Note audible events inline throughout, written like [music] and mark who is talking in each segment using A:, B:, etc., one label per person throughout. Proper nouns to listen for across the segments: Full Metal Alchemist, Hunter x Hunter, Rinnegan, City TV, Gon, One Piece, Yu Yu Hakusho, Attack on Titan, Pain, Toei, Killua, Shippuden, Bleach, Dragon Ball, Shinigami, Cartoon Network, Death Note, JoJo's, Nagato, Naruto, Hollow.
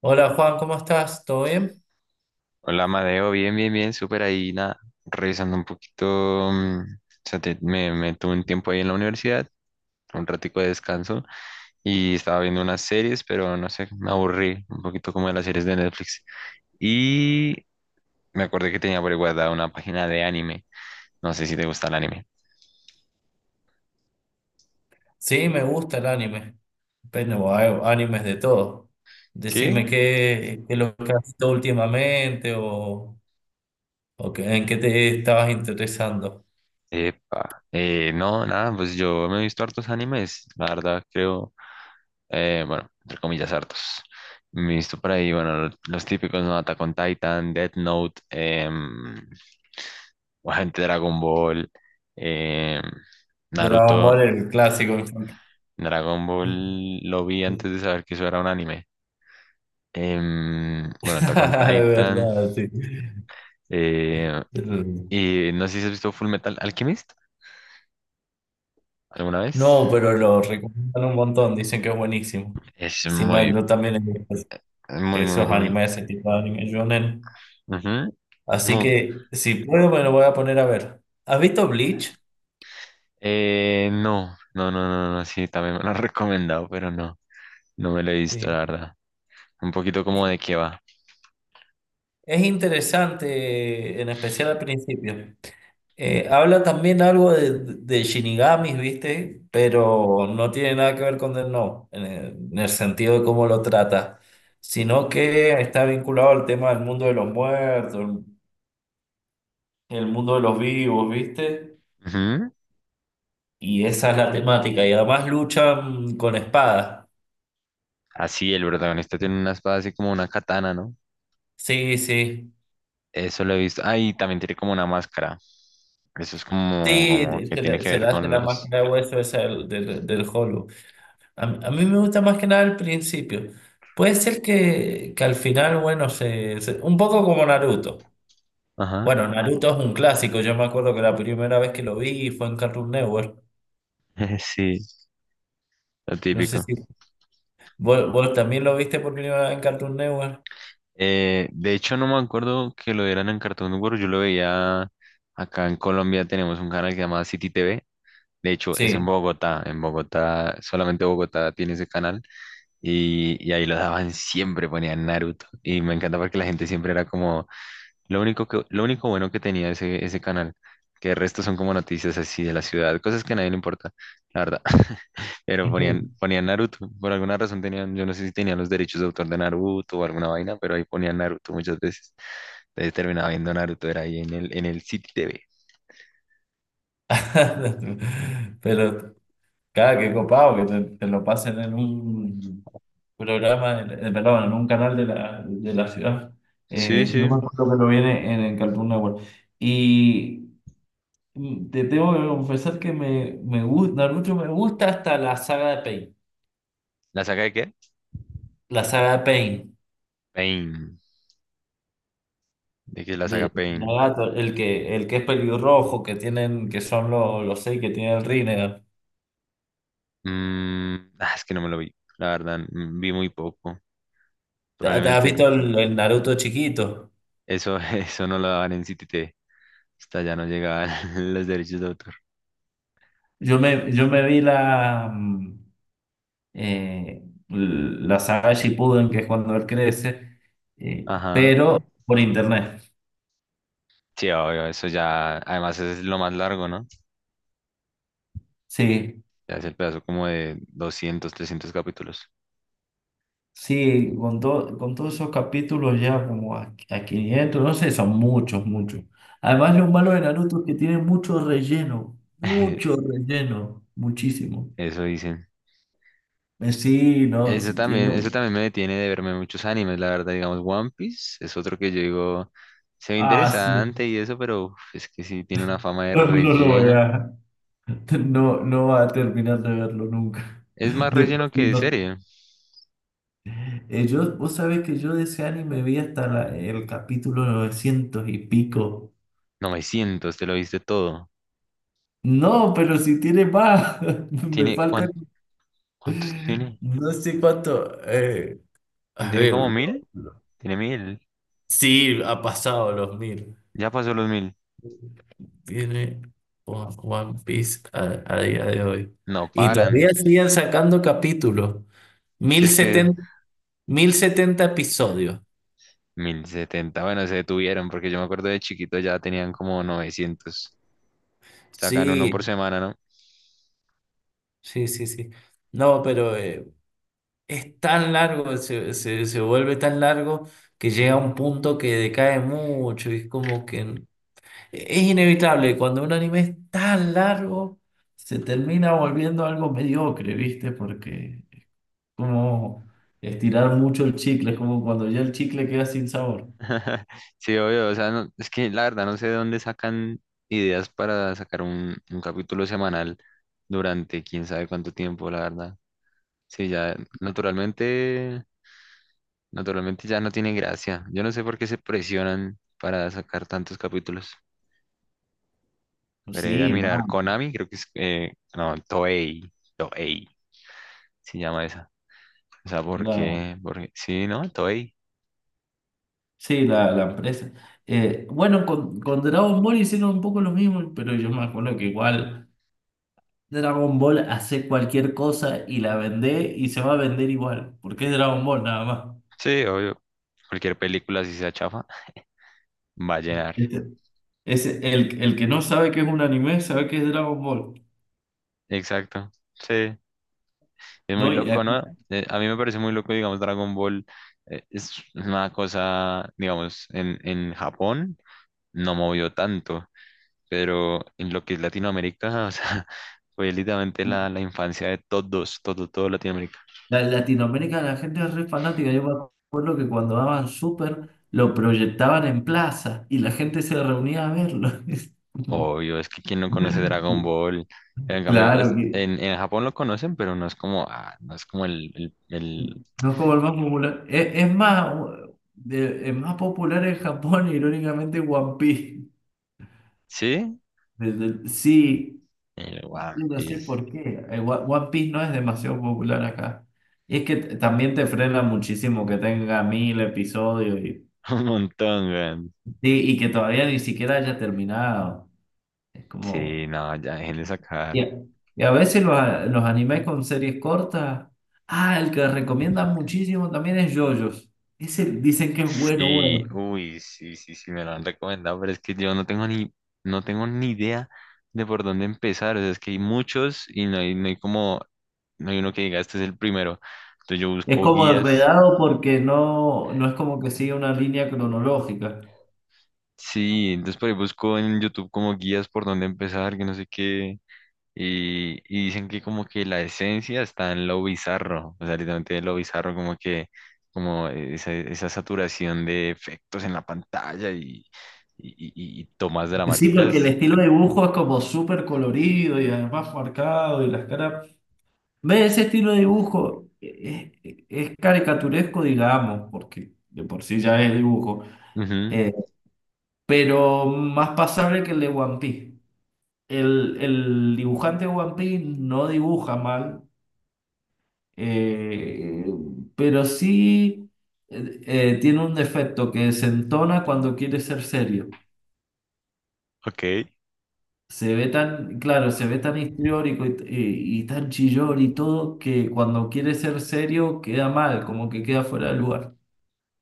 A: Hola Juan, ¿cómo estás? ¿Todo bien?
B: Hola, Amadeo, bien, bien, bien, súper ahí, nada, revisando un poquito, o sea, me tuve un tiempo ahí en la universidad, un ratico de descanso, y estaba viendo unas series, pero no sé, me aburrí un poquito como de las series de Netflix, y me acordé que tenía por ahí guardada una página de anime, no sé si te gusta el anime.
A: Sí, me gusta el anime. Pero hay animes de todo. Decime
B: ¿Sí?
A: qué es lo que has visto últimamente o en qué te estabas interesando.
B: Epa, no, nada, pues yo me he visto hartos animes, la verdad, creo, bueno, entre comillas, hartos. Me he visto por ahí, bueno, los típicos, ¿no? Attack on Titan, Death Note, Agente Dragon Ball, em,
A: Dragon
B: Naruto.
A: Ball, el clásico. Me encanta.
B: Dragon Ball lo vi antes de saber que eso era un anime. Bueno, Attack on
A: [laughs] De
B: Titan,
A: verdad, sí.
B: eh, y no sé si has visto Full Metal Alchemist alguna vez.
A: No, pero lo recomiendan un montón, dicen que es buenísimo.
B: Es
A: Encima
B: muy,
A: yo también he visto
B: muy, muy,
A: esos
B: muy,
A: animes, ese tipo de anime shonen.
B: ujú,
A: Así
B: muy-
A: que si puedo me lo voy a poner a ver. ¿Has visto Bleach?
B: no, no, no, no, no, sí, también me lo han [laughs] recomendado, pero no. No me lo he visto, la
A: Sí.
B: verdad. Un poquito
A: E-
B: como de qué va.
A: Es interesante, en especial al principio. Habla también algo de Shinigamis, ¿viste? Pero no tiene nada que ver con Death Note, en el sentido de cómo lo trata, sino que está vinculado al tema del mundo de los muertos, el mundo de los vivos, ¿viste?
B: Ujú.
A: Y esa es la temática. Y además luchan con espadas.
B: Así, el protagonista tiene una espada así como una katana, ¿no?
A: Sí, sí.
B: Eso lo he visto. Ah, y también tiene como una máscara. Eso es como, como
A: Sí,
B: que tiene que
A: se le
B: ver
A: hace
B: con
A: la
B: los...
A: máscara de hueso esa del Hollow. A mí me gusta más que nada al principio. Puede ser que al final, bueno, un poco como Naruto.
B: Ajá.
A: Bueno, Naruto es un clásico. Yo me acuerdo que la primera vez que lo vi fue en Cartoon Network.
B: [laughs] Sí, lo
A: No sé
B: típico.
A: si vos también lo viste por primera vez en Cartoon Network.
B: De hecho, no me acuerdo que lo dieran en Cartoon Network. Yo lo veía acá en Colombia. Tenemos un canal que se llama City TV. De hecho, es en
A: Sí.
B: Bogotá. En Bogotá, solamente Bogotá tiene ese canal. Y ahí lo daban [laughs] siempre, ponían Naruto. Y me encanta porque la gente siempre era como, lo único bueno que tenía ese canal, que el resto son como noticias así de la ciudad, cosas que a nadie le importa, la verdad. [laughs] Pero
A: [laughs]
B: ponían Naruto, por alguna razón tenían, yo no sé si tenían los derechos de autor de Naruto o alguna vaina, pero ahí ponían Naruto muchas veces. Entonces terminaba viendo Naruto, era ahí en el City TV.
A: Pero, cada que copado que te lo pasen en un, perdón, en un canal de la ciudad.
B: Sí,
A: Yo
B: sí.
A: me acuerdo que lo viene en el Cartoon Network. Y te tengo que confesar que me gusta, Naruto me gusta hasta la saga de Pain.
B: ¿La saga de qué?
A: La saga de Pain,
B: Pain. ¿De qué es la saga
A: del
B: Pain?
A: Nagato, el que es pelirrojo, que tienen, que son los 6 que tienen el Rinnegan.
B: Mm, ah, es que no me lo vi, la verdad, mm, vi muy poco.
A: ¿Te has
B: Probablemente
A: visto el Naruto chiquito?
B: eso, [laughs] eso no lo daban en CTT. Hasta ya no llegaban [laughs] los derechos de autor.
A: Yo me vi la. Eh, la saga Shippuden, que es cuando él crece,
B: Ajá.
A: pero por internet.
B: Sí, obvio, eso ya, además es lo más largo, ¿no?
A: Sí,
B: Ya es el pedazo como de 200, 300 capítulos.
A: sí, con todos esos capítulos ya como a 500 no sé, son muchos, muchos. Además, lo malo de Naruto es que tiene mucho
B: [laughs]
A: relleno, muchísimo.
B: Eso dicen.
A: Sí, no, sí tiene...
B: Eso también me detiene de verme muchos animes, la verdad, digamos, One Piece es otro que yo digo, se ve
A: Ah, sí,
B: interesante y eso, pero uf, es que sí tiene una
A: [laughs]
B: fama de
A: no, no lo voy
B: relleno.
A: a... No, no va a terminar de verlo nunca.
B: Es
A: [laughs]
B: más
A: De por
B: relleno
A: sí,
B: que
A: no-
B: serie.
A: Yo, vos sabés que yo de ese anime vi hasta el capítulo 900 y pico.
B: 900 te lo viste todo.
A: No, pero si tiene más, [laughs] me
B: ¿Tiene
A: falta
B: cuán- ¿cuántos tiene?
A: no sé cuánto.
B: ¿No
A: A
B: tiene
A: ver,
B: como 1000?
A: lo-
B: Tiene 1000.
A: Sí, ha pasado los 1000.
B: Ya pasó los 1000.
A: Tiene One Piece a día de hoy.
B: No
A: Y
B: paran.
A: todavía siguen sacando capítulos.
B: Si
A: mil
B: es que
A: setenta, 1070 episodios.
B: 1070, bueno, se detuvieron porque yo me acuerdo de chiquito ya tenían como 900. Sacan uno
A: Sí,
B: por semana, ¿no?
A: sí, sí, sí. No, pero es tan largo, se vuelve tan largo que llega a un punto que decae mucho y es como que es inevitable, cuando un anime es tan largo, se termina volviendo algo mediocre, ¿viste? Porque es como estirar mucho el chicle, es como cuando ya el chicle queda sin sabor.
B: [laughs] Sí, obvio, o sea, es que la verdad no sé de dónde sacan ideas para sacar un capítulo semanal durante quién sabe cuánto tiempo, la verdad. Sí, ya naturalmente. Naturalmente ya no tiene gracia. Yo no sé por qué se presionan para sacar tantos capítulos. Veré a
A: Sí,
B: mirar
A: man,
B: Konami, creo que es... no, Toei. Toei se llama esa. O sea, ¿por
A: la,
B: qué? Porque, sí, ¿no? Toei.
A: sí, la empresa. Bueno, con Dragon Ball hicieron un poco lo mismo, pero yo me acuerdo que igual... Dragon Ball hace cualquier cosa y la vende y se va a vender igual, porque es Dragon Ball nada más.
B: Sí, obvio. Cualquier película, si sea chafa, va a llenar.
A: Este- Es el que no sabe que es un anime, sabe que es Dragon Ball.
B: Exacto. Sí. Es muy
A: No, y
B: loco,
A: aquí-
B: ¿no? A mí me parece muy loco, digamos, Dragon Ball. Eh, es una cosa, digamos, en Japón no movió tanto, pero en lo que es Latinoamérica, [laughs] o sea, fue literalmente la infancia de todos, todo, todo Latinoamérica.
A: La en Latinoamérica la gente es re fanática. Yo me acuerdo que cuando daban Super lo proyectaban en plaza y la gente se reunía a verlo. [laughs] Es como-
B: Obvio, es que quien no conoce Dragon Ball. En cambio,
A: Claro que
B: en Japón lo conocen, pero no es como, ah, no es como
A: no es como el más popular. Es más, de- es más popular en Japón, irónicamente, One Piece.
B: ¿sí?
A: Desde- sí.
B: El One
A: No sé
B: Piece,
A: por qué. One Piece no es demasiado popular acá. Y es que también te frena muchísimo que tenga 1000 episodios y,
B: [laughs] un montón, weón.
A: sí, y que todavía ni siquiera haya terminado. Es como...
B: Sí, no, ya dejen de sacar.
A: Y y a veces los animes con series cortas... Ah, el que recomiendan muchísimo también es JoJo's. Ese dicen que es bueno,
B: Sí,
A: bueno.
B: uy, sí, sí, sí, me lo han recomendado, pero es que yo no tengo ni, no tengo ni idea de por dónde empezar, o sea, es que hay muchos y no hay como no hay uno que diga, este es el primero. Entonces yo
A: Es
B: busco
A: como
B: guías.
A: enredado porque no es como que sigue una línea cronológica.
B: Sí, entonces por ahí busco en YouTube como guías por dónde empezar, que no sé qué. Y dicen que como que la esencia está en lo bizarro, o sea, literalmente lo bizarro, como que como esa saturación de efectos en la pantalla y, y tomas
A: Sí, porque el
B: dramáticas.
A: estilo de dibujo es como súper colorido y además marcado y las caras... Ve, ese estilo de dibujo es caricaturesco, digamos, porque de por sí ya es dibujo,
B: Ujú,
A: eh, pero más pasable que el de One Piece. El dibujante de One Piece no dibuja mal, eh, pero sí tiene un defecto que se entona cuando quiere ser serio.
B: ok.
A: Se ve tan, claro, se ve tan histriónico y tan chillón y todo que cuando quiere ser serio queda mal, como que queda fuera de lugar.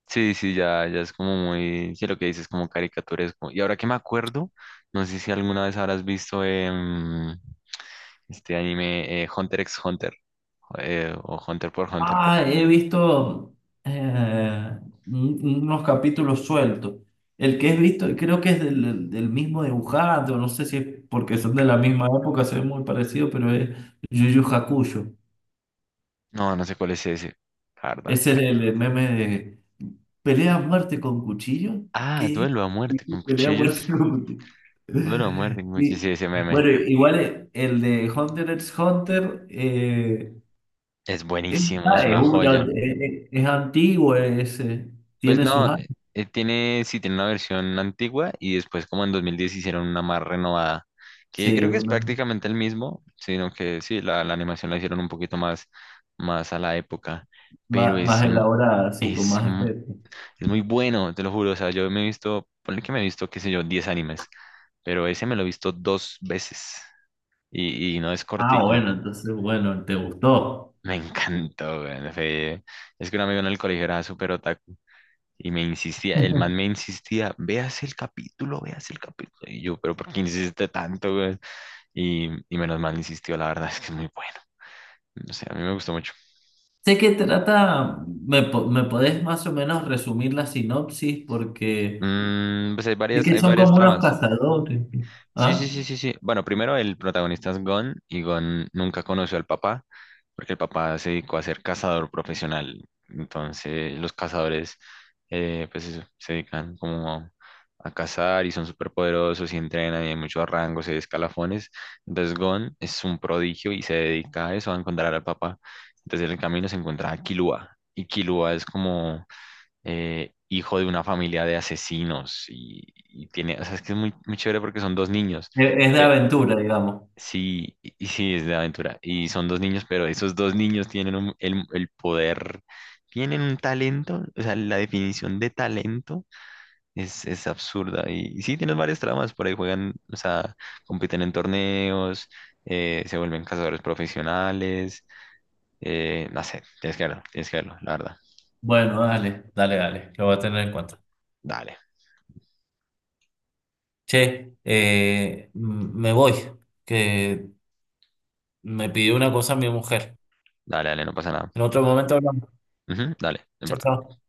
B: Sí, sí, ya es como muy, sí, lo que dices, como caricaturesco. Y ahora que me acuerdo, no sé si alguna vez habrás visto este anime, Hunter x Hunter, o Hunter por Hunter.
A: Ah, he visto eh, un- unos capítulos sueltos. El que he visto, creo que es del mismo dibujante, o no sé si es porque son de la misma época, se ve muy parecido, pero es Yu Yu Hakusho.
B: No, no sé cuál es ese, la verdad.
A: Es el meme de pelea a muerte con cuchillo.
B: Ah,
A: ¿Qué?
B: Duelo a muerte con
A: [laughs] Pelea a
B: cuchillos.
A: muerte con cuchillo.
B: Duelo a muerte
A: [laughs]
B: con cuchillos, sí,
A: Y,
B: ese meme.
A: bueno, igual el de Hunter x Hunter
B: Es
A: es,
B: buenísimo, es
A: ah, es
B: una
A: una-
B: joya.
A: es antiguo,
B: Pues
A: tiene sus
B: no,
A: años,
B: tiene, sí, tiene una versión antigua y después como en 2010 hicieron una más renovada, que creo
A: sí,
B: que es
A: una,
B: prácticamente el mismo, sino que sí, la animación la hicieron un poquito más, más a la época, pero
A: más elaborada, así, con
B: es,
A: más
B: m-
A: efectos.
B: es muy bueno, te lo juro, o sea, yo me he visto, ponle que me he visto, qué sé yo, 10 animes, pero ese me lo he visto 2 veces y no es
A: Ah,
B: cortico.
A: bueno, entonces, bueno, te gustó.
B: Me encantó, güey, es que un amigo en el colegio era súper otaku. Y me insistía, el man me
A: [laughs]
B: insistía, veas el capítulo, veas el capítulo. Y yo, pero ¿por qué insiste tanto, güey? Y menos mal insistió, la verdad es que es muy bueno. No sé, a mí me gustó mucho.
A: Sé que trata, me podés más o menos resumir la sinopsis porque
B: Mm, pues
A: de que
B: hay
A: son
B: varias
A: como unos
B: tramas.
A: cazadores.
B: Sí, sí,
A: ¿Ah?
B: sí, sí, sí. Bueno, primero el protagonista es Gon y Gon nunca conoció al papá porque el papá se dedicó a ser cazador profesional. Entonces los cazadores, pues eso, se dedican como a cazar y son súper poderosos y entrenan y hay muchos rangos y escalafones. Entonces Gon es un prodigio y se dedica a eso, a encontrar al papá. Entonces en el camino se encuentra a Killua y Killua es como hijo de una familia de asesinos y tiene, o sea, es que es muy, muy chévere porque son dos niños.
A: Es de
B: pe-
A: aventura, digamos.
B: sí, y sí, es de aventura. Y son dos niños, pero esos dos niños tienen el poder, tienen un talento, o sea, la definición de talento es absurda. Y sí, tienen varias tramas, por ahí juegan, o sea, compiten en torneos. Se vuelven cazadores profesionales. No sé, tienes que verlo, la verdad.
A: Bueno, dale, dale, dale. Lo voy a tener en cuenta.
B: Dale,
A: Che, me voy, que me pidió una cosa mi mujer.
B: dale, dale, no pasa nada.
A: En otro momento hablamos.
B: Ujú, dale, no
A: Chao,
B: importa.
A: chao.